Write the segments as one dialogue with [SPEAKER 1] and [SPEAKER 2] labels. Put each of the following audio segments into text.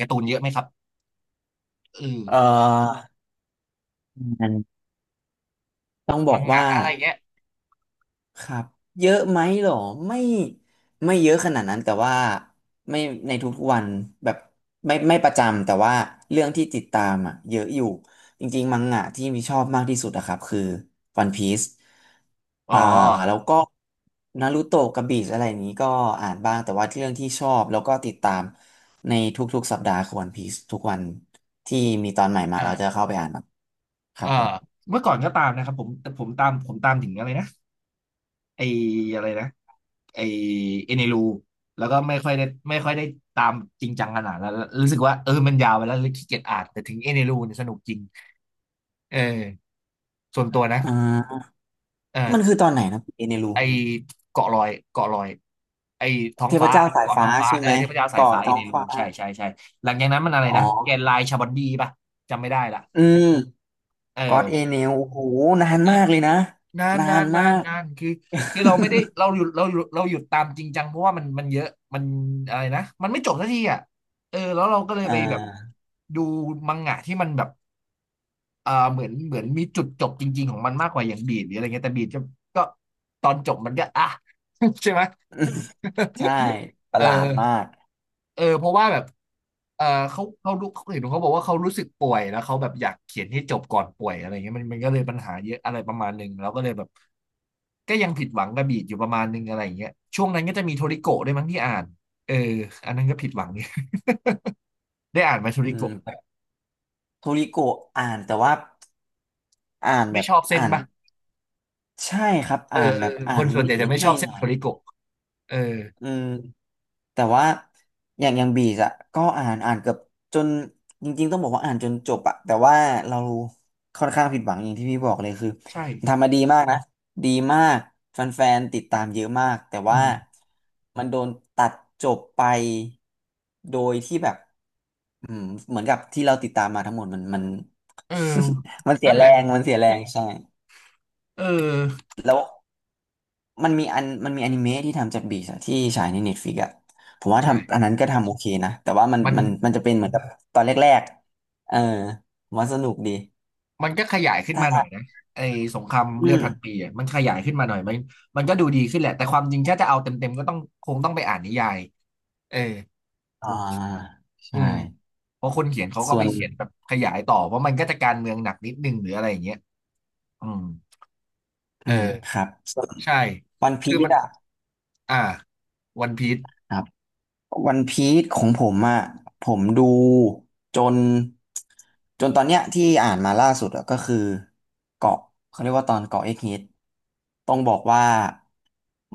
[SPEAKER 1] การ์ตูนเยอะไหมครับเออ
[SPEAKER 2] เอ่อมันต้องบอ
[SPEAKER 1] มั
[SPEAKER 2] ก
[SPEAKER 1] งงะ
[SPEAKER 2] ว่า
[SPEAKER 1] อะไรเงี้ย
[SPEAKER 2] ครับ เยอะไหมหรอไม่ไม่เยอะขนาดนั้นแต่ว่าไม่ในทุกๆวัน แบบไม่ไม่ประจำ แต่ว่า เรื่องที่ติดตามอ่ะเยอะอยู่ จริงๆมังงะที่มีชอบมากที่สุดอะครับคือ One Piece
[SPEAKER 1] อ๋อ
[SPEAKER 2] อ่าแล้วก็นารูโตะกับบีชอะไรอย่างนี้ก็อ่านบ้าง แต่ว่าเรื่องที่ชอบแล้วก็ติดตาม ในทุกๆสัปดาห์คือ One Piece ทุกวันที่มีตอนใหม่มา
[SPEAKER 1] อ่า
[SPEAKER 2] เราจะเข้าไปอ่านครับครั
[SPEAKER 1] เอ่า
[SPEAKER 2] บผม
[SPEAKER 1] เมื่อก่อนก็ตามนะครับผมแต่ผมตามผมตามถึงอะไรนะไออะไรนะไอเอเนรูแล้วก็ไม่ค่อยได้ไม่ค่อยได้ตามจริงจังขนาดนั้นแล้วรู้สึกว่าเออมันยาวไปแล้วเลยขี้เกียจอ่านแต่ถึงเอเนรูเนี่ยสนุกจริงเออส่วนตัวนะ
[SPEAKER 2] อ่า
[SPEAKER 1] เอ
[SPEAKER 2] มัน
[SPEAKER 1] อ
[SPEAKER 2] คือตอนไหนนะเอเนรู
[SPEAKER 1] ไอเกาะลอยเกาะลอยไอท้อง
[SPEAKER 2] เทพ
[SPEAKER 1] ฟ้า
[SPEAKER 2] เจ้าสาย
[SPEAKER 1] เกาะท้
[SPEAKER 2] ฟ้า
[SPEAKER 1] องฟ้า
[SPEAKER 2] ใช่
[SPEAKER 1] เออ
[SPEAKER 2] ไหม
[SPEAKER 1] เทพเจ้าสาย
[SPEAKER 2] เกาะ
[SPEAKER 1] ฟ้าอ๋
[SPEAKER 2] ท้
[SPEAKER 1] น
[SPEAKER 2] อ
[SPEAKER 1] เอ
[SPEAKER 2] ง
[SPEAKER 1] นรู
[SPEAKER 2] ฟ้า
[SPEAKER 1] ใช่ใช่ใช่หลังจากนั้นมันอะไร
[SPEAKER 2] อ๋อ
[SPEAKER 1] นะแกนไลน์ชาบอนดีป่ะจำไม่ได้ละ
[SPEAKER 2] อืม
[SPEAKER 1] เอ
[SPEAKER 2] กอด
[SPEAKER 1] อ
[SPEAKER 2] เอเนลโอ้โหนาน
[SPEAKER 1] เออ
[SPEAKER 2] มากเลยนะ
[SPEAKER 1] นาน
[SPEAKER 2] นา
[SPEAKER 1] นา
[SPEAKER 2] น
[SPEAKER 1] นนา
[SPEAKER 2] มา
[SPEAKER 1] น
[SPEAKER 2] ก
[SPEAKER 1] นานคือคือเราไม่ได้ เราหยุดเราหยุดตามจริงจังเพราะว่ามันเยอะมันอะไรนะมันไม่จบสักทีอ่ะเออแล้วเราก็เลย
[SPEAKER 2] อ่
[SPEAKER 1] ไปแบบ
[SPEAKER 2] า
[SPEAKER 1] ดูมังงะที่มันแบบอ่าเหมือนมีจุดจบจริงๆของมันมากกว่าอย่างบีดหรืออะไรเงี้ยแต่บีดก็ตอนจบมันก็อ่ะ ใช่ไหม
[SPEAKER 2] ใช่ป
[SPEAKER 1] เอ
[SPEAKER 2] ระห
[SPEAKER 1] อ
[SPEAKER 2] ลาดมาก
[SPEAKER 1] เออเพราะว่าแบบเออเขารู้เขาเห็นเขาบอกว่าเขารู้สึกป่วยแล้วเขาแบบอยากเขียนให้จบก่อนป่วยอะไรเงี้ยมันก็เลยปัญหาเยอะอะไรประมาณหนึ่งแล้วก็เลยแบบก็ยังผิดหวังกับบีดอยู่ประมาณหนึ่งอะไรอย่างเงี้ยช่วงนั้นก็จะมีโทริโกะด้วยมั้งที่อ่านเอออันนั้นก็ผิดหวัง เนี่ย ได้อ่านไหมาโท
[SPEAKER 2] อื
[SPEAKER 1] ริโกะ
[SPEAKER 2] มโทริโกะอ่านแต่ว่าอ่านแบ
[SPEAKER 1] ไม่
[SPEAKER 2] บ
[SPEAKER 1] ชอบเส้น
[SPEAKER 2] อ่าน
[SPEAKER 1] ป่ะ
[SPEAKER 2] ใช่ครับอ่าน
[SPEAKER 1] เอ
[SPEAKER 2] แบ
[SPEAKER 1] อ
[SPEAKER 2] บ
[SPEAKER 1] ค
[SPEAKER 2] อ่าน
[SPEAKER 1] นส่วนใหญ่จะ
[SPEAKER 2] นิด
[SPEAKER 1] ไม่
[SPEAKER 2] ๆห
[SPEAKER 1] ช
[SPEAKER 2] น่
[SPEAKER 1] อบเส้น
[SPEAKER 2] อ
[SPEAKER 1] โท
[SPEAKER 2] ย
[SPEAKER 1] ริ
[SPEAKER 2] ๆ
[SPEAKER 1] โกะเออ
[SPEAKER 2] อืมแต่ว่าอย่างอย่างบีสอะก็อ่านอ่านเกือบจนจริงๆต้องบอกว่าอ่านจนจบอะแต่ว่าเราค่อนข้างผิดหวังอย่างที่พี่บอกเลยคือ
[SPEAKER 1] ใ
[SPEAKER 2] มัน
[SPEAKER 1] ช่
[SPEAKER 2] ทำมาดีมากนะดีมากแฟนๆติดตามเยอะมากแต่
[SPEAKER 1] อื
[SPEAKER 2] ว่า
[SPEAKER 1] ม
[SPEAKER 2] มันโดนตัดจบไปโดยที่แบบอืมเหมือนกับที่เราติดตามมาทั้งหมดมันมัน
[SPEAKER 1] เออ
[SPEAKER 2] มันเสี
[SPEAKER 1] นั่
[SPEAKER 2] ย
[SPEAKER 1] น
[SPEAKER 2] แร
[SPEAKER 1] แหละ
[SPEAKER 2] งมันเสียแรงใช่
[SPEAKER 1] เออ
[SPEAKER 2] แล้ว มันมีอันมันมีอนิเมะที่ทำจากบีสที่ฉายในเน็ตฟ i ิกอะผมว่าทำอัน
[SPEAKER 1] ใช่
[SPEAKER 2] นั้นก็ทำโอเคนะแต่ว่ามัน
[SPEAKER 1] มัน
[SPEAKER 2] มันมันจะเป็นเหมือนกับตอนแรกๆผมว่าสนุกดี
[SPEAKER 1] มันก็ขยายขึ้น
[SPEAKER 2] ถ้า
[SPEAKER 1] มาหน่อยนะไอ้สงคราม
[SPEAKER 2] อื
[SPEAKER 1] เลือด
[SPEAKER 2] ม
[SPEAKER 1] พันปีอ่ะมันขยายขึ้นมาหน่อยมันก็ดูดีขึ้นแหละแต่ความจริงถ้าจะเอาเต็มๆก็ต้องคงต้องไปอ่านนิยายเออ
[SPEAKER 2] อ่า
[SPEAKER 1] อื
[SPEAKER 2] ใช่
[SPEAKER 1] มเพราะคนเขียนเขาก็
[SPEAKER 2] ส่
[SPEAKER 1] ไป
[SPEAKER 2] วน
[SPEAKER 1] เขียนแบบขยายต่อเพราะมันก็จะการเมืองหนักนิดนึงหรืออะไรอย่างเงี้ยอืม
[SPEAKER 2] อื
[SPEAKER 1] เออ
[SPEAKER 2] มครับส่วน
[SPEAKER 1] ใช่
[SPEAKER 2] วันพี
[SPEAKER 1] คือ
[SPEAKER 2] ซ
[SPEAKER 1] มัน
[SPEAKER 2] อะ
[SPEAKER 1] อ่าวันพีซ
[SPEAKER 2] ครับ วันพีซของผมอ่ะผมดูจนจนตอนเนี้ยที่อ่านมาล่าสุดอะก็คือเกาะเขาเรียกว่าตอนเกาะเอ็กฮิตต้องบอกว่า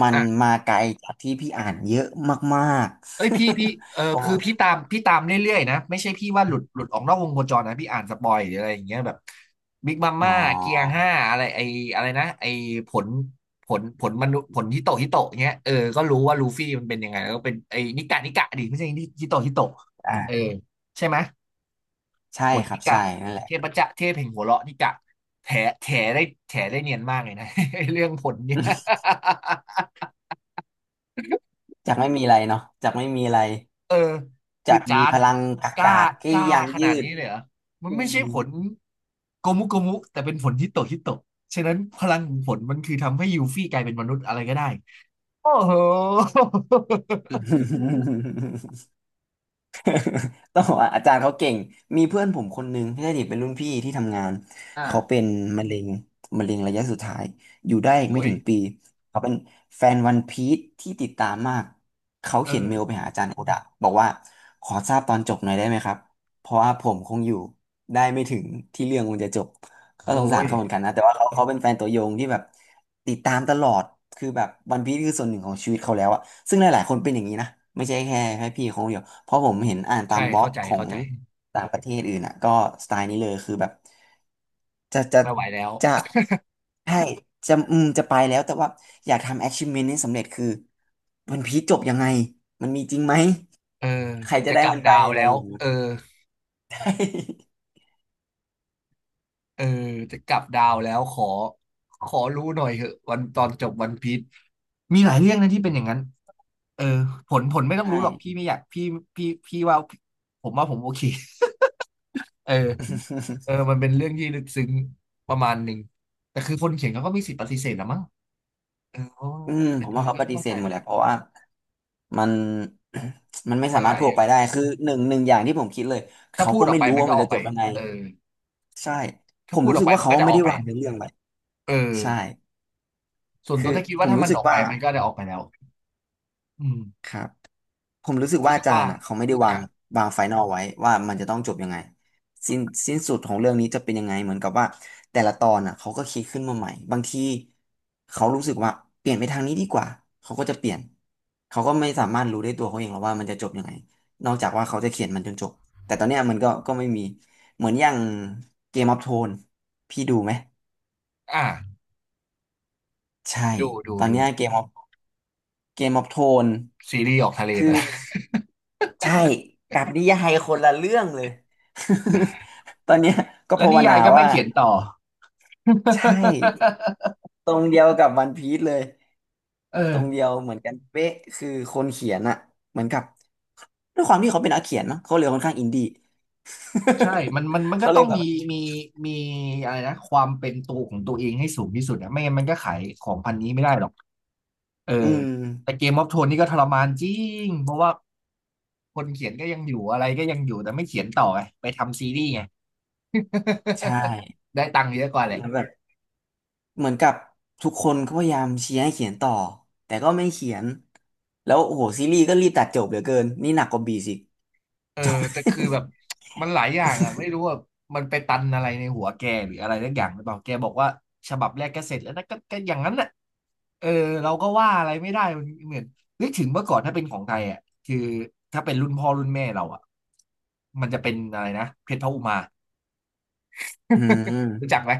[SPEAKER 2] มัน
[SPEAKER 1] อ่ะ
[SPEAKER 2] มาไกลจากที่พี่อ่านเยอะมาก
[SPEAKER 1] เอ้ยพี่เออ
[SPEAKER 2] ๆ ผม
[SPEAKER 1] คือพี่ตามพี่ตามเรื่อยๆนะไม่ใช่พี่ว่าหลุดออกนอกวงโคจรนะพี่อ่านสปอยหรืออะไรอย่างเงี้ยแบบบิ๊กมัม
[SPEAKER 2] อ๋อ
[SPEAKER 1] ม่าเกียร์ห้าอะไรไออะไรนะไอผลมนุษย์ผลฮิโตะฮิโตะเงี้ยเออก็รู้ว่าลูฟี่มันเป็นยังไงแล้วก็เป็นไอนิกะนิกะดิไม่ใช่ฮิโตะฮิโตะเออ
[SPEAKER 2] อ่า
[SPEAKER 1] ใช่ไหม
[SPEAKER 2] ใช่
[SPEAKER 1] ผล
[SPEAKER 2] ครั
[SPEAKER 1] นิ
[SPEAKER 2] บใช่
[SPEAKER 1] กะ
[SPEAKER 2] นั่นแหละ
[SPEAKER 1] เทพจะเทพแห่งหัวเราะนิกะแถแถได้แถได้เนียนมากเลยนะ เรื่องผลเนี่ย
[SPEAKER 2] จากไม่มีอะไรเนาะจากไม่มีอะไร
[SPEAKER 1] เออคือ
[SPEAKER 2] จาก
[SPEAKER 1] จา
[SPEAKER 2] มี
[SPEAKER 1] น
[SPEAKER 2] พลังก
[SPEAKER 1] กล้า
[SPEAKER 2] ากๆ
[SPEAKER 1] ก
[SPEAKER 2] ที่
[SPEAKER 1] ล้า
[SPEAKER 2] ยัง
[SPEAKER 1] ขนาด
[SPEAKER 2] ยื
[SPEAKER 1] นี้
[SPEAKER 2] ด
[SPEAKER 1] เลยเหรอมัน
[SPEAKER 2] อื
[SPEAKER 1] ไม่ใช่ผ
[SPEAKER 2] ม
[SPEAKER 1] ลโกมุโกมุแต่เป็นผลฮิตโตฮิตโตฉะนั้นพลังของผลมันคือทำให้ยูฟี่กลายเป็นมนุษย์อะไรก็ได้โอ้โห
[SPEAKER 2] ต้องบอกว่าอาจารย์เขาเก่งมีเพื่อนผมคนหนึงที่ได้ดเป็นรุ่นพี่ที่ทำงานเขาเป็
[SPEAKER 1] อ่า
[SPEAKER 2] นมะเร็งมะเร็งระยะสุดท้ายอยู่ได้อี
[SPEAKER 1] โอ้
[SPEAKER 2] กไม่
[SPEAKER 1] ย
[SPEAKER 2] ถึงปีเขาเป็นแฟนวันพีซที่ติดตามมากเขา
[SPEAKER 1] เออ
[SPEAKER 2] เขียนเมลไปหาอาจารย์โอดะบอกว่าขอทราบตอนจบหน่อยได้ไหมครับเพราะว่าผมคงอยู่ได้ไม่ถึงที่เรื่องมันจะจบ ก็ส
[SPEAKER 1] โอ้
[SPEAKER 2] งสาร
[SPEAKER 1] ย
[SPEAKER 2] เขาเหมือนกันนะแต่ว่าเขาเขาเป็นแฟนตัวยงที่แบบติดตามตลอดคือแบบวันพีซคือส่วนหนึ่งของชีวิตเขาแล้วอะซึ่งหลายๆคนเป็นอย่างนี้นะไม่ใช่แค่แค่พี่คนเดียวเพราะผมเห็นอ่านตา
[SPEAKER 1] ใช่
[SPEAKER 2] มบล็อกขอ
[SPEAKER 1] เข้า
[SPEAKER 2] ง
[SPEAKER 1] ใจ
[SPEAKER 2] ต่างประเทศอื่นอะก็สไตล์นี้เลยคือแบบจะจะ
[SPEAKER 1] ไม่ไหวแล้ว
[SPEAKER 2] จะใช่จะอืมจะไปแล้วแต่ว่าอยากทำ achievement นี้สำเร็จคือวันพีซจบยังไงมันมีจริงไหม
[SPEAKER 1] เออ
[SPEAKER 2] ใครจะ
[SPEAKER 1] จะ
[SPEAKER 2] ได้
[SPEAKER 1] กลับ
[SPEAKER 2] มันไป
[SPEAKER 1] ดาว
[SPEAKER 2] อะไร
[SPEAKER 1] แล้
[SPEAKER 2] อ
[SPEAKER 1] ว
[SPEAKER 2] ย่างนี้
[SPEAKER 1] เออเออจะกลับดาวแล้วขอรู้หน่อยเหอะวันตอนจบวันพีชมีหลายเรื่องนะที่เป็นอย่างนั้น เออผลไม่ ต้อง
[SPEAKER 2] ใช่
[SPEAKER 1] รู้หรอกพี่ไม่อยากพี่พี่ว่าผมว่าผมโอเคเออเออ มันเป็นเรื่องที่ลึกซึ้งประมาณหนึ่งแต่คือคนเขียนเขาก็มีสิทธิ์ปฏิเสธนะมั้งเออเพราะว่า
[SPEAKER 2] อืม
[SPEAKER 1] แต่
[SPEAKER 2] ผม
[SPEAKER 1] คื
[SPEAKER 2] ว่า
[SPEAKER 1] อ
[SPEAKER 2] เขา
[SPEAKER 1] ก็
[SPEAKER 2] ปฏิ
[SPEAKER 1] เข้า
[SPEAKER 2] เส
[SPEAKER 1] ใจ
[SPEAKER 2] ธหม
[SPEAKER 1] แห
[SPEAKER 2] ด
[SPEAKER 1] ละ
[SPEAKER 2] แหละเพราะว่า มัน มันไม่
[SPEAKER 1] มั
[SPEAKER 2] สา
[SPEAKER 1] นห
[SPEAKER 2] มารถ
[SPEAKER 1] ลา
[SPEAKER 2] พู
[SPEAKER 1] ย
[SPEAKER 2] ด
[SPEAKER 1] อ
[SPEAKER 2] ออ
[SPEAKER 1] ย่า
[SPEAKER 2] ก
[SPEAKER 1] ง
[SPEAKER 2] ไปได้คือหนึ่งหนึ่งอย่างที่ผมคิดเลย
[SPEAKER 1] ถ้า
[SPEAKER 2] เขา
[SPEAKER 1] พูด
[SPEAKER 2] ก็
[SPEAKER 1] ออ
[SPEAKER 2] ไม่
[SPEAKER 1] กไป
[SPEAKER 2] รู้
[SPEAKER 1] มัน
[SPEAKER 2] ว่า
[SPEAKER 1] ก็
[SPEAKER 2] มัน
[SPEAKER 1] ออ
[SPEAKER 2] จะ
[SPEAKER 1] กไป
[SPEAKER 2] จบยังไง
[SPEAKER 1] เออ
[SPEAKER 2] ใช่ผ
[SPEAKER 1] ถ้า
[SPEAKER 2] ม
[SPEAKER 1] พูด
[SPEAKER 2] รู้
[SPEAKER 1] ออก
[SPEAKER 2] สึก
[SPEAKER 1] ไป
[SPEAKER 2] ว่า
[SPEAKER 1] มัน
[SPEAKER 2] เขา
[SPEAKER 1] ก็จะ
[SPEAKER 2] ไม่
[SPEAKER 1] ออก
[SPEAKER 2] ได้
[SPEAKER 1] ไป
[SPEAKER 2] วาง
[SPEAKER 1] อะ
[SPEAKER 2] เนื้อเรื่องไป
[SPEAKER 1] เออ
[SPEAKER 2] ใช่
[SPEAKER 1] ส่วนตั
[SPEAKER 2] คื
[SPEAKER 1] ว
[SPEAKER 2] อ
[SPEAKER 1] ถ้าคิด
[SPEAKER 2] ผ
[SPEAKER 1] ว่า
[SPEAKER 2] ม
[SPEAKER 1] ถ้า
[SPEAKER 2] รู้
[SPEAKER 1] มัน
[SPEAKER 2] สึ
[SPEAKER 1] อ
[SPEAKER 2] ก
[SPEAKER 1] อกไป
[SPEAKER 2] ว่า
[SPEAKER 1] มันก็ได้ออกไปแล้วอืม
[SPEAKER 2] ครับ ผมรู้สึกว่า
[SPEAKER 1] รู้สึ
[SPEAKER 2] อา
[SPEAKER 1] ก
[SPEAKER 2] จา
[SPEAKER 1] ว่า
[SPEAKER 2] รย์อ่ะเขาไม่ได้วา
[SPEAKER 1] อ่ะ
[SPEAKER 2] งวางไฟนอลไว้ว่ามันจะต้องจบยังไงสิ้นสิ้นสุดของเรื่องนี้จะเป็นยังไงเหมือนกับว่าแต่ละตอนอ่ะเขาก็คิดขึ้นมาใหม่บางทีเขารู้สึกว่าเปลี่ยนไปทางนี้ดีกว่าเขาก็จะเปลี่ยนเขาก็ไม่สามารถรู้ได้ตัวเขาเองหรอกว่ามันจะจบยังไงนอกจากว่าเขาจะเขียนมันจนจบแต่ตอนเนี้ยมันก็ก็ไม่มีเหมือนอย่างเกมออฟโทนพี่ดูไหม
[SPEAKER 1] อ่ะ
[SPEAKER 2] ใช่ตอน
[SPEAKER 1] ดู
[SPEAKER 2] เนี้เกมออฟเกมออฟโทน
[SPEAKER 1] ซีรีส์ออกทะเลไป
[SPEAKER 2] คือ
[SPEAKER 1] แล้ว
[SPEAKER 2] ใช่กับนิยายคนละเรื่องเลย ตอนเนี้ยก็
[SPEAKER 1] แล้ว
[SPEAKER 2] ภา
[SPEAKER 1] นิ
[SPEAKER 2] วนา
[SPEAKER 1] ยายก็ไม่
[SPEAKER 2] ว่า
[SPEAKER 1] เขียนต่อ
[SPEAKER 2] ใช่ตรงเดียวกับวันพีซเลย ตรงเดี
[SPEAKER 1] เออ
[SPEAKER 2] ยวเหมือนกันเป๊ะคือคนเขียนอะเหมือนกับด้วยความที่เขาเป็นนักเขียนมั้งเขาเลยค่อนข้างอินดี้
[SPEAKER 1] ใช่มั นก็
[SPEAKER 2] เขาเล
[SPEAKER 1] ต้อ
[SPEAKER 2] ย
[SPEAKER 1] ง
[SPEAKER 2] แบบ
[SPEAKER 1] มีมีอะไรนะความเป็นตัวของตัวเองให้สูงที่สุดอะไม่งั้นมันก็ขายของพันนี้ไม่ได้หรอกเออ
[SPEAKER 2] อืม
[SPEAKER 1] แต่เกมออฟโทนนี่ก็ทรมานจริง เพราะว่าคนเขียนก็ยังอยู่อะไรก็ยังอยู่ แต่ไม่เขียนต่อไงไปทำซีรีส์ไง
[SPEAKER 2] ใช่
[SPEAKER 1] ได้ตังค์เยอะกว่าแหละ
[SPEAKER 2] แล้วแบบเหมือนกับทุกคนก็พยายามเชียร์ให้เขียนต่อแต่ก็ไม่เขียนแล้วโอ้โหซีรีส์ก็รีบตัดจบเหลือเกินนี่หนักกว่าบีสิ
[SPEAKER 1] เออ
[SPEAKER 2] จบ
[SPEAKER 1] แต่คือแบบมันหลายอย่างอ่ะไม่รู้ว่ามันไปตันอะไรในหัวแกหรืออะไรสักอย่างหรือเปล่าแกบอกว่าฉบับแรกก็เสร็จแล้วนะก็อย่างนั้นน่ะเออเราก็ว่าอะไรไม่ได้มันเหมือนนึกถึงเมื่อก่อนถ้าเป็นของไทยอ่ะคือถ้าเป็นรุ่นพ่อรุ่นแม่เราอ่ะมันจะเป็นอะไรนะเพชรพระอุมา
[SPEAKER 2] อื
[SPEAKER 1] รู้จั
[SPEAKER 2] ม
[SPEAKER 1] กไหม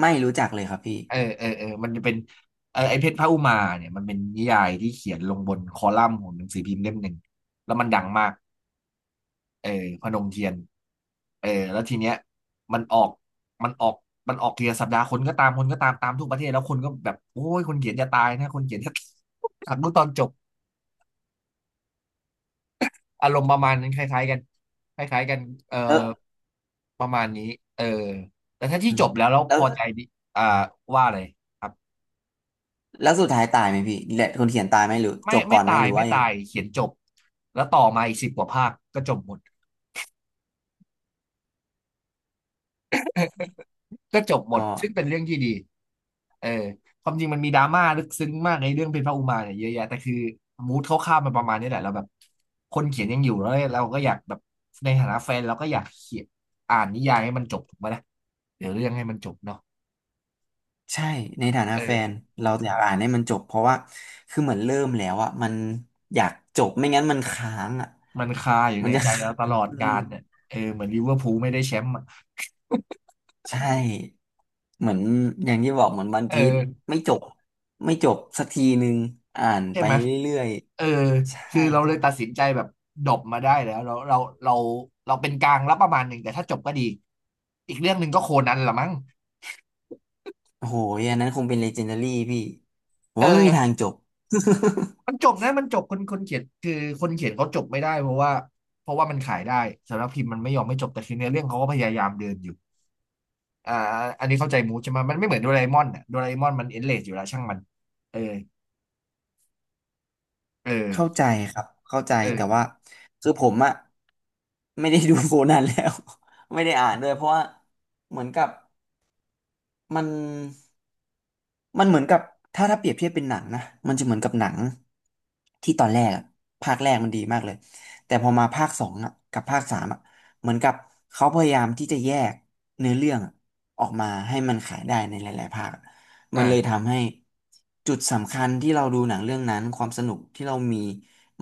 [SPEAKER 2] ไม่รู้จักเลยครับพี่
[SPEAKER 1] เออมันจะเป็นเออไอเพชรพระอุมาเนี่ยมันเป็นนิยายที่เขียนลงบนคอลัมน์ของหนังสือพิมพ์เล่มหนึ่งแล้วมันดังมาก เออพนมเทียนแล้วทีเนี้ยมันออกมันออกมันออกทีละสัปดาห์คนก็ตามตามทุกประเทศแล้วคนก็แบบโอ้ยคนเขียนจะตายนะคนเขียนจะ อยากดูตอนจบอารมณ์ประมาณนั้นคล้ายๆกันคล้ายๆกันเออ
[SPEAKER 2] แล้ว
[SPEAKER 1] ประมาณนี้เออแต่ถ้าที่
[SPEAKER 2] อื
[SPEAKER 1] จ
[SPEAKER 2] ม
[SPEAKER 1] บแล้ว
[SPEAKER 2] แล้
[SPEAKER 1] พ
[SPEAKER 2] ว
[SPEAKER 1] อใจดิอ่าว่าเลยครับ
[SPEAKER 2] สุดท้ายตายไหมพี่แหละคนเขียนตายไหมหรือจบก่
[SPEAKER 1] ไม่
[SPEAKER 2] อนไหม
[SPEAKER 1] ตา
[SPEAKER 2] ห
[SPEAKER 1] ย
[SPEAKER 2] รือว่ายังไง
[SPEAKER 1] เขียนจบแล้วต่อมาอีกสิบกว่าภาคก็จบหมด
[SPEAKER 2] ก็
[SPEAKER 1] ซึ่งเป็นเรื่องที่ดีเออความจริงมันมีดราม่าลึกซึ้งมากในเรื่องเพนพระอุมาเนี่ยเยอะแยะแต่คือมูดคร่าวๆมันประมาณนี้แหละเราแบบคนเขียนยังอยู่แล้วเราก็อยากแบบในฐานะแฟนเราก็อยากเขียนอ่านนิยายให้มันจบถูกไหมนะเดี๋ยวเรื่องให้มันจบเนาะ
[SPEAKER 2] ใช่ในฐานะแฟน
[SPEAKER 1] เออ
[SPEAKER 2] เราอยากอ่านให้มันจบเพราะว่าคือเหมือนเริ่มแล้วอะมันอยากจบไม่งั้นมันค้างอะ
[SPEAKER 1] มันคาอยู่
[SPEAKER 2] มั
[SPEAKER 1] ใน
[SPEAKER 2] นจะ
[SPEAKER 1] ใจเรา
[SPEAKER 2] ค้า
[SPEAKER 1] ตล
[SPEAKER 2] ง
[SPEAKER 1] อด
[SPEAKER 2] อื
[SPEAKER 1] กา
[SPEAKER 2] ม
[SPEAKER 1] ลเนี่ยเหมือนลิเวอร์พูลไม่ได้แชมป์อะ
[SPEAKER 2] ใช่เหมือนอย่างที่บอกเหมือนวัน
[SPEAKER 1] เอ
[SPEAKER 2] พีช
[SPEAKER 1] อ
[SPEAKER 2] ไม่จบไม่จบสักทีนึงอ่าน
[SPEAKER 1] ใช่
[SPEAKER 2] ไป
[SPEAKER 1] ไหม
[SPEAKER 2] เรื่อย
[SPEAKER 1] เออ
[SPEAKER 2] ๆใช่
[SPEAKER 1] คือเรา
[SPEAKER 2] ค
[SPEAKER 1] เล
[SPEAKER 2] รั
[SPEAKER 1] ยตัด
[SPEAKER 2] บ
[SPEAKER 1] สินใจแบบดบมาได้แล้วเราเราเป็นกลางรับประมาณหนึ่งแต่ถ้าจบก็ดีอีกเรื่องหนึ่งก็โคนันละมั้ง
[SPEAKER 2] โอ้โหอันนั้นคงเป็นเลเจนดารี่พี่ผม
[SPEAKER 1] เอ
[SPEAKER 2] ว่าไม่
[SPEAKER 1] อ
[SPEAKER 2] มีทางจบ
[SPEAKER 1] มั นจบนะมันจบคนเขียนคือคนเขียนเขาจบไม่ได้เพราะว่ามันขายได้สำนักพิมพ์มันไม่ยอมไม่จบแต่คือเนื้อเรื่องเขาก็พยายามเดินอยู่อ่าอันนี้เข้าใจมูใช่ไหมมันไม่เหมือนโดราเอมอนอ่ะโดราเอมอนมันเอ็นเลสอยู่แล้วช่างมันเออเออ
[SPEAKER 2] เข้าใจครับเข้าใจ
[SPEAKER 1] เอ
[SPEAKER 2] แต่ว่า
[SPEAKER 1] อ
[SPEAKER 2] คือผมอะไม่ได้ดูโคนันแล้ว ไม่ได้อ่านด้วยเพราะว่าเหมือนกับมัน มันเหมือนกับถ้าเปรียบเทียบเป็นหนังนะมันจะเหมือนกับหนังที่ตอนแรกอะภาคแรกมันดีมากเลยแต่พอมาภาคสองอะกับภาคสามอะเหมือนกับเขาพยายามที่จะแยกเนื้อเรื่องอะออกมาให้มันขายได้ในหลายๆภาคมันเลย
[SPEAKER 1] อ่า
[SPEAKER 2] ทำให้จุดสำคัญที่เราดูหนังเรื่องนั้นความสนุกที่เรามี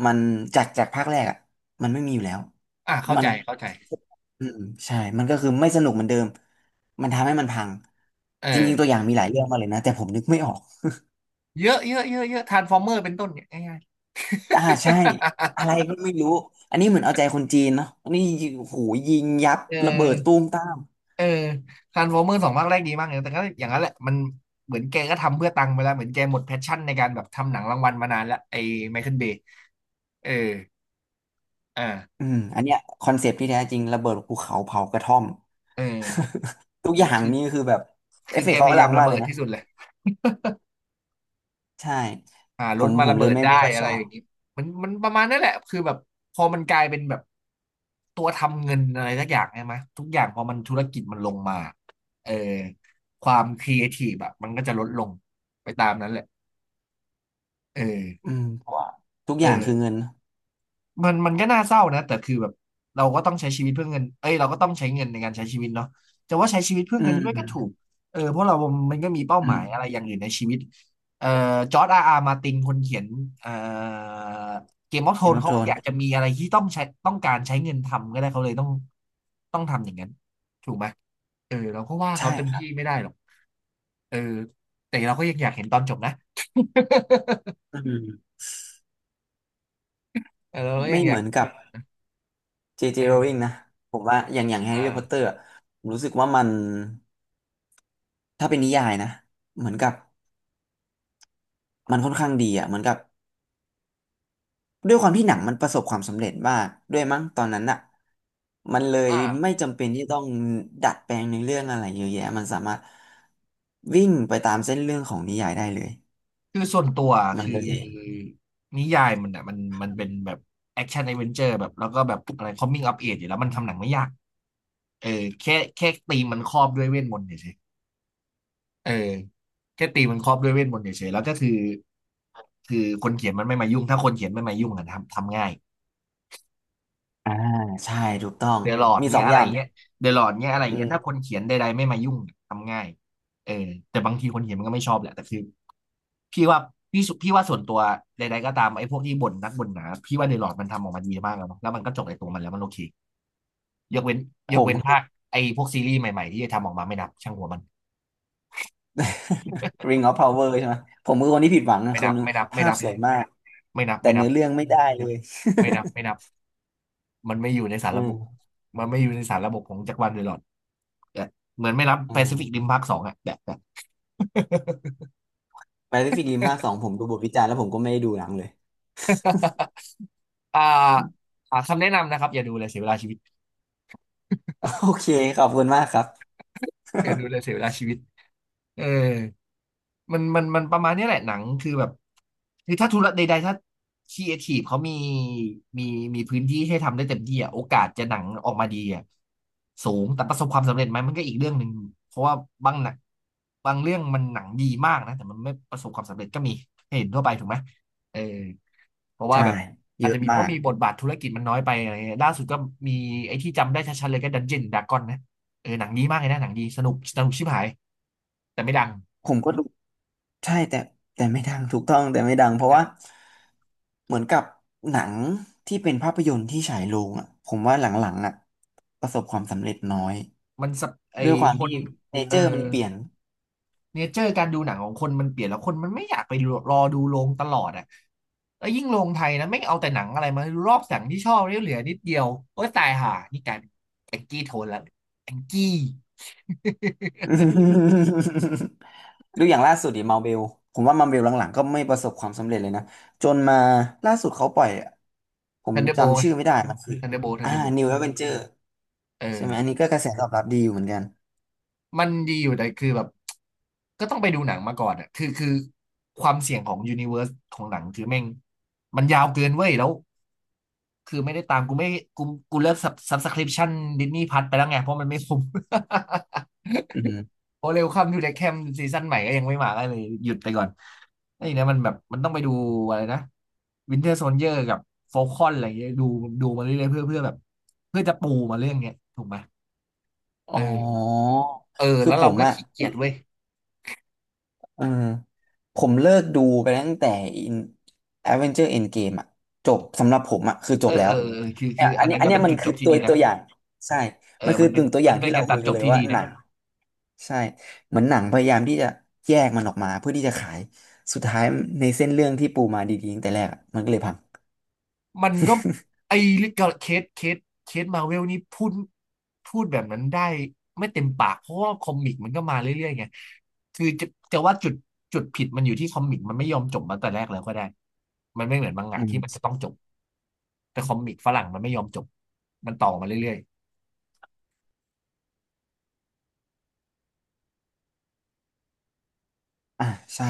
[SPEAKER 2] มันจากภาคแรกอะมันไม่มีอยู่แล้ว
[SPEAKER 1] อ่าเข้า
[SPEAKER 2] มั
[SPEAKER 1] ใจ
[SPEAKER 2] น อืมใช่มันก็คือไม่สนุกเหมือนเดิมมันทำให้มันพัง
[SPEAKER 1] เอ
[SPEAKER 2] จริงๆตัว
[SPEAKER 1] อ
[SPEAKER 2] อย่างมีหลายเรื่องมากเลยนะแต่ผมนึกไม่ออก
[SPEAKER 1] เยอะเยอะเยอะเยอะทรานส์ฟอร์เมอร์เป็นต้นเนี่ยง่าย
[SPEAKER 2] อ่าใช่
[SPEAKER 1] ๆ
[SPEAKER 2] อะไรก็ไม่รู้ อันนี้เหมือนเอาใจคนจีนเนาะอันนี้โอ้โหูยิงยับ
[SPEAKER 1] เอ
[SPEAKER 2] ระเบิดตู
[SPEAKER 1] อ
[SPEAKER 2] มตาม
[SPEAKER 1] เออทรานส์ฟอร์เมอร์สองภาคแรกดีมากเลยแต่ก็อย่างนั้นแหละมันเหมือนแกก็ทำเพื่อตังค์ไปแล้วเหมือนแกหมดแพชชั่นในการแบบทำหนังรางวัลมานานแล้วไอ้ไมเคิลเบย์เอออ่า
[SPEAKER 2] อืมอันเนี้ยคอนเซปต์ที่แท้จริงระเบิดภูเขาเผากระท่อม
[SPEAKER 1] เออ
[SPEAKER 2] ทุก
[SPEAKER 1] เอ
[SPEAKER 2] อ
[SPEAKER 1] อ
[SPEAKER 2] ย่าง
[SPEAKER 1] คือ
[SPEAKER 2] นี่คือแบบเอฟเฟ
[SPEAKER 1] แก
[SPEAKER 2] กต์
[SPEAKER 1] พ
[SPEAKER 2] เขาอ
[SPEAKER 1] ยา
[SPEAKER 2] ลั
[SPEAKER 1] ยาม
[SPEAKER 2] ง
[SPEAKER 1] ระ
[SPEAKER 2] มากเล
[SPEAKER 1] เบิ
[SPEAKER 2] ย
[SPEAKER 1] ด
[SPEAKER 2] นะ
[SPEAKER 1] ที่สุดเลย
[SPEAKER 2] ใช่
[SPEAKER 1] หา
[SPEAKER 2] ผ
[SPEAKER 1] รถ
[SPEAKER 2] ม
[SPEAKER 1] มา
[SPEAKER 2] ผม
[SPEAKER 1] ระ
[SPEAKER 2] เล
[SPEAKER 1] เบิ
[SPEAKER 2] ย
[SPEAKER 1] ด
[SPEAKER 2] ไม่
[SPEAKER 1] ได้
[SPEAKER 2] ไม่ค่อย
[SPEAKER 1] อะ
[SPEAKER 2] ช
[SPEAKER 1] ไร
[SPEAKER 2] อ
[SPEAKER 1] อ
[SPEAKER 2] บ
[SPEAKER 1] ย่างนี้มันมันประมาณนั่นแหละคือแบบพอมันกลายเป็นแบบตัวทำเงินอะไรสักอย่างใช่ไหมทุกอย่างพอมันธุรกิจมันลงมาเออความครีเอทีฟอะมันก็จะลดลงไปตามนั้นแหละเออ
[SPEAKER 2] อืมเพราะว่าทุกอ
[SPEAKER 1] เอ
[SPEAKER 2] ย่างคือเงิ
[SPEAKER 1] อ
[SPEAKER 2] นเนอะ
[SPEAKER 1] มันมันก็น่าเศร้านะแต่คือแบบเราก็ต้องใช้ชีวิตเพื่อเงินเอ้ยเราก็ต้องใช้เงินในการใช้ชีวิตเนาะจะว่าใช้ชีวิตเพื่อ
[SPEAKER 2] อื
[SPEAKER 1] เงิน
[SPEAKER 2] ม
[SPEAKER 1] ด้วย
[SPEAKER 2] อื
[SPEAKER 1] ก็
[SPEAKER 2] ม
[SPEAKER 1] ถูกเพราะเรามันก็มีเป้า
[SPEAKER 2] อื
[SPEAKER 1] หมา
[SPEAKER 2] ม
[SPEAKER 1] ยอะไรอย่างอื่นในชีวิตเอ่อจอร์จอาร์อาร์มาตินคนเขียนเอ่อเกมออฟโท
[SPEAKER 2] Game
[SPEAKER 1] น
[SPEAKER 2] of
[SPEAKER 1] เขาก็อยา
[SPEAKER 2] Thrones
[SPEAKER 1] กจะมีอะไรที่ต้องการใช้เงินทำก็ได้เขาเลยต้องทำอย่างนั้นถูกไหมเราก็ว่า
[SPEAKER 2] ใช่
[SPEAKER 1] เขาเต็ม
[SPEAKER 2] ครับ
[SPEAKER 1] ที่ไม่ได้หรอกเออแต่เราก็ยังอยากเห็นตอนจบนะ
[SPEAKER 2] อืม
[SPEAKER 1] เราก็ยั
[SPEAKER 2] ไม่
[SPEAKER 1] งอ
[SPEAKER 2] เห
[SPEAKER 1] ยา
[SPEAKER 2] มื
[SPEAKER 1] ก
[SPEAKER 2] อนกับ เจเจโรลิง
[SPEAKER 1] เออ
[SPEAKER 2] นะผมว่าอย่างแฮ
[SPEAKER 1] เอ
[SPEAKER 2] ร์รี่พอตเตอ
[SPEAKER 1] อ
[SPEAKER 2] ร์ผมรู้สึกว่ามันถ้าเป็นนิยายนะเหมือนกับมันค่อนข้างดีอ่ะเหมือนกับด้วยความที่หนังมันประสบความสำเร็จมากด้วยมั้งตอนนั้นอ่ะมันเลยไม่
[SPEAKER 1] อ่า
[SPEAKER 2] จำเป็นที่ต้องดัดแปลงในเรื่องอะไรเยอะแยะมันสามารถวิ่งไปตามเส้นเรื่องของนิยายได้เลย
[SPEAKER 1] คือส่วนตัว
[SPEAKER 2] มัน
[SPEAKER 1] คื
[SPEAKER 2] เล
[SPEAKER 1] อ
[SPEAKER 2] ย
[SPEAKER 1] นิยายมันอ่ะมันมันเป็นแบบแอคชั่น d อ v e n เ u อร์แบบแล้วก็แบบอะไรคอมมิ่งอัปเออยู่แล้วมันทำหนังไม่ยากเออแค่ตีมมันครอบด้วยเวทมนต์เฉยๆเออแค่ตีมมันครอบด้วยเวทมนต์เฉยๆแล้วก็คือคนเขียนมันไม่มายุ่งถ้าคนเขียนไม่มายุ่งอะทำง่าย
[SPEAKER 2] อ่าใช่ถูกต้อง
[SPEAKER 1] เดอะลอร์ด
[SPEAKER 2] มีสอ
[SPEAKER 1] เงี้
[SPEAKER 2] ง
[SPEAKER 1] ยอะ
[SPEAKER 2] อ
[SPEAKER 1] ไร
[SPEAKER 2] ย่าง
[SPEAKER 1] เงี้ยเดอะลอร์ดเงี้ยอะไร
[SPEAKER 2] อื
[SPEAKER 1] เงี้ยถ้าค
[SPEAKER 2] ม
[SPEAKER 1] นเขียนใดๆไม่มายุ่งเนี่ยทำง่ายเออแต่บางทีคนเขียนมันก็ไม่ชอบแหละแต่คือพี่ว่าพี่ว่าส่วนตัวใดๆก็ตามไอ้พวกที่บ่นนักบ่นหนาพี่ว่าเดอะลอร์ดมันทำออกมาดีมากแล้วเนอะแล้วมันก็จบในตัวมันแล้วมันโอเคยกเว้น
[SPEAKER 2] ผ
[SPEAKER 1] ยก
[SPEAKER 2] ม
[SPEAKER 1] เว้น
[SPEAKER 2] คื
[SPEAKER 1] ภา
[SPEAKER 2] อ
[SPEAKER 1] คไอ้พวกซีรีส์ใหม่ๆที่จะทำออกมาไม่นับช่างหัวมัน
[SPEAKER 2] Ring of Power ใช่ไหมผมคือคนที่ผิดหวังนะ
[SPEAKER 1] ไม่
[SPEAKER 2] ค
[SPEAKER 1] นั
[SPEAKER 2] น
[SPEAKER 1] บ
[SPEAKER 2] หนึง
[SPEAKER 1] ไม่นับไม่
[SPEAKER 2] ภาพ
[SPEAKER 1] นับ
[SPEAKER 2] สวยมาก
[SPEAKER 1] ไม่นับ
[SPEAKER 2] แต่
[SPEAKER 1] ไม่นั
[SPEAKER 2] เนื้
[SPEAKER 1] บ
[SPEAKER 2] อเรื่องไม่ได้เลย
[SPEAKER 1] ไม่นับไม่นับมันไม่อยู่ในสารระบบมันไม่อยู่ในสารระบบของจักรวาลเดอะลอร์ดเออเหมือนไม่นับ
[SPEAKER 2] อ่
[SPEAKER 1] แปซิ
[SPEAKER 2] า
[SPEAKER 1] ฟิกริมภาคสองอะแบบ
[SPEAKER 2] แปซิฟิกริมภาคสองผมดูบทวิจารณ์แล้วผมก็ไม่ได้ดูหนังเลย
[SPEAKER 1] อ่าหาคำแนะนำนะครับอย่าดูเลยเสียเวลาชีวิต
[SPEAKER 2] โอเคขอบคุณมากครับ
[SPEAKER 1] อย่าดูเลยเสียเวลาชีวิตเออมันมันมันประมาณเนี้ยแหละหนังคือแบบคือถ้าธุระใดๆถ้าครีเอทีฟเขามีมีพื้นที่ให้ทำได้เต็มที่อ่ะโอกาสจะหนังออกมาดีอ่ะสูงแต่ประสบความสำเร็จไหมมันก็อีกเรื่องหนึ่งเพราะว่าบางหนังบางเรื่องมันหนังดีมากนะแต่มันไม่ประสบความสำเร็จก็มีให้เห็นทั่วไปถูกไหมเออ เพราะว่าแบ
[SPEAKER 2] ใช่
[SPEAKER 1] บ
[SPEAKER 2] เย
[SPEAKER 1] อาจ
[SPEAKER 2] อะ
[SPEAKER 1] จะมีเพ
[SPEAKER 2] มา
[SPEAKER 1] ราะ
[SPEAKER 2] ก
[SPEAKER 1] มีบทบาทธุรกิจมันน้อยไปอะไรเงี้ยล่าสุดก็มีไอ้ที่จำได้ชัดๆเลยก็ดันเจียนดากอนนะเออหนังดีมากเลยนะหนังดีสนุกชิบหายแต่ไม่ดัง
[SPEAKER 2] ผมก็ดูใช่แต่แต่ไม่ดังถูกต้องแต่ไม่ดังเพราะ
[SPEAKER 1] นะ
[SPEAKER 2] ว่าเหมือนกับหนังที่เป็นภาพยนตร์ที่ฉายโรงอ่ะผมว่าหลังๆอ่ะประสบความสำเร็จน้อย
[SPEAKER 1] มันสะไอ้
[SPEAKER 2] ด้วยความ
[SPEAKER 1] คน
[SPEAKER 2] ที่เน
[SPEAKER 1] เอ
[SPEAKER 2] เจ
[SPEAKER 1] อ
[SPEAKER 2] อร์มันเปลี่ยน
[SPEAKER 1] เนเจอร์การดูหนังของคนมันเปลี่ยนแล้วคนมันไม่อยากไปรอดูโรงตลอดอ่ะแล้วยิ่งโรงไทยนะไม่งเอาแต่หนังอะไรมาดูรอบหนังที่ชอบเนี่ยเหลือนิดเดียวโอ้ยตายห่านี่กลายเป็นแองกี้โทนแลวแองกี้
[SPEAKER 2] ดูอย่างล่าสุดดิมาเบลผมว่ามาเบลหลังๆก็ไม่ประสบความสำเร็จเลยนะจนมาล่าสุดเขาปล่อยผ ม
[SPEAKER 1] ทันเดอร์โบ
[SPEAKER 2] จำ
[SPEAKER 1] t
[SPEAKER 2] ชื่อไม่ได้มันคือ
[SPEAKER 1] ทันเดอร์โบ t ทัน
[SPEAKER 2] อ่า
[SPEAKER 1] เดอร์โบล
[SPEAKER 2] New Avenger
[SPEAKER 1] เอ
[SPEAKER 2] ใช่
[SPEAKER 1] อ
[SPEAKER 2] ไหมอันนี้ก็กระแสตอบรับดีอยู่เหมือนกัน
[SPEAKER 1] มันดีอยู่แต่คือแบบก็ต้องไปดูหนังมาก่อนอ่ะคือความเสี่ยงของยูนิเวอร์สของหนังคือแม่งมันยาวเกินเว้ยแล้วคือไม่ได้ตามกูไม่กูกูเลิกซับสคริปชั่นดิสนีย์พัทไปแล้วไงเพราะมันไม่คุ้ม
[SPEAKER 2] อืม
[SPEAKER 1] โอเร็วคัมทูเดอะแคมซีซั่นใหม่ก็ยังไม่มาก็เลยหยุดไปก่อนไอ้เนี่ยมันแบบมันต้องไปดูอะไรนะวินเทอร์โซ i เยอร์กับฟ a ลคอนอะไรอย่างเงี้ยดูมาเรื่อยๆเพื่อแบบเพื่อจะปูมาเรื่องเนี้ยถูกไหมเอ
[SPEAKER 2] อ๋
[SPEAKER 1] อ
[SPEAKER 2] อ
[SPEAKER 1] เออ
[SPEAKER 2] คือ
[SPEAKER 1] แล้ว
[SPEAKER 2] ผ
[SPEAKER 1] เรา
[SPEAKER 2] ม
[SPEAKER 1] ก็
[SPEAKER 2] อะ
[SPEAKER 1] ขี้เกียจเว้ย
[SPEAKER 2] เออผมเลิกดูไปตั้งแต่ In Avenger Endgame อะจบสำหรับผมอะคือจ
[SPEAKER 1] เออ
[SPEAKER 2] บแล้
[SPEAKER 1] เอ
[SPEAKER 2] ว
[SPEAKER 1] อเออคือ
[SPEAKER 2] เนี่
[SPEAKER 1] คื
[SPEAKER 2] ย
[SPEAKER 1] อ
[SPEAKER 2] อั
[SPEAKER 1] อั
[SPEAKER 2] น
[SPEAKER 1] น
[SPEAKER 2] นี้
[SPEAKER 1] นั้น
[SPEAKER 2] อัน
[SPEAKER 1] ก็
[SPEAKER 2] เนี้
[SPEAKER 1] เป็
[SPEAKER 2] ย
[SPEAKER 1] น
[SPEAKER 2] มั
[SPEAKER 1] จุ
[SPEAKER 2] น
[SPEAKER 1] ดจ
[SPEAKER 2] คือ
[SPEAKER 1] บที่
[SPEAKER 2] ตัว
[SPEAKER 1] ดีนะ
[SPEAKER 2] ตัวอย่างใช่
[SPEAKER 1] เออ
[SPEAKER 2] มันคื
[SPEAKER 1] มั
[SPEAKER 2] อ
[SPEAKER 1] นเป็
[SPEAKER 2] ตึ
[SPEAKER 1] น
[SPEAKER 2] งตัวอย่างที่เรา
[SPEAKER 1] การ
[SPEAKER 2] คุ
[SPEAKER 1] ตัด
[SPEAKER 2] ย
[SPEAKER 1] จ
[SPEAKER 2] กัน
[SPEAKER 1] บ
[SPEAKER 2] เลย
[SPEAKER 1] ที่
[SPEAKER 2] ว่า
[SPEAKER 1] ดี
[SPEAKER 2] ห
[SPEAKER 1] นะ
[SPEAKER 2] นัง ใช่เหมือนหนังพยายามที่จะแยกมันออกมาเพื่อที่จะขายสุดท้ายในเส้นเรื่องที่ปูมาดีๆตั้งแต่แรกอะมันก็เลยพัง
[SPEAKER 1] มันก็ไอ้เรืเคสเคสเคสมาเวลนี่พูดแบบนั้นได้ไม่เต็มปากเพราะว่าคอมิกมันก็มาเรื่อยๆไงคือจะว่าจุดผิดมันอยู่ที่คอมิกมันไม่ยอมจบมาแต่แรกแล้วก็ได้มันไม่เหมือนมังงะ
[SPEAKER 2] อื
[SPEAKER 1] ที่มันจะ
[SPEAKER 2] ม
[SPEAKER 1] ต้องจบแต่คอมิกฝรั่งมันไม่ยอมจบมันต่อมาเรื่อยๆ
[SPEAKER 2] อ่ะใช่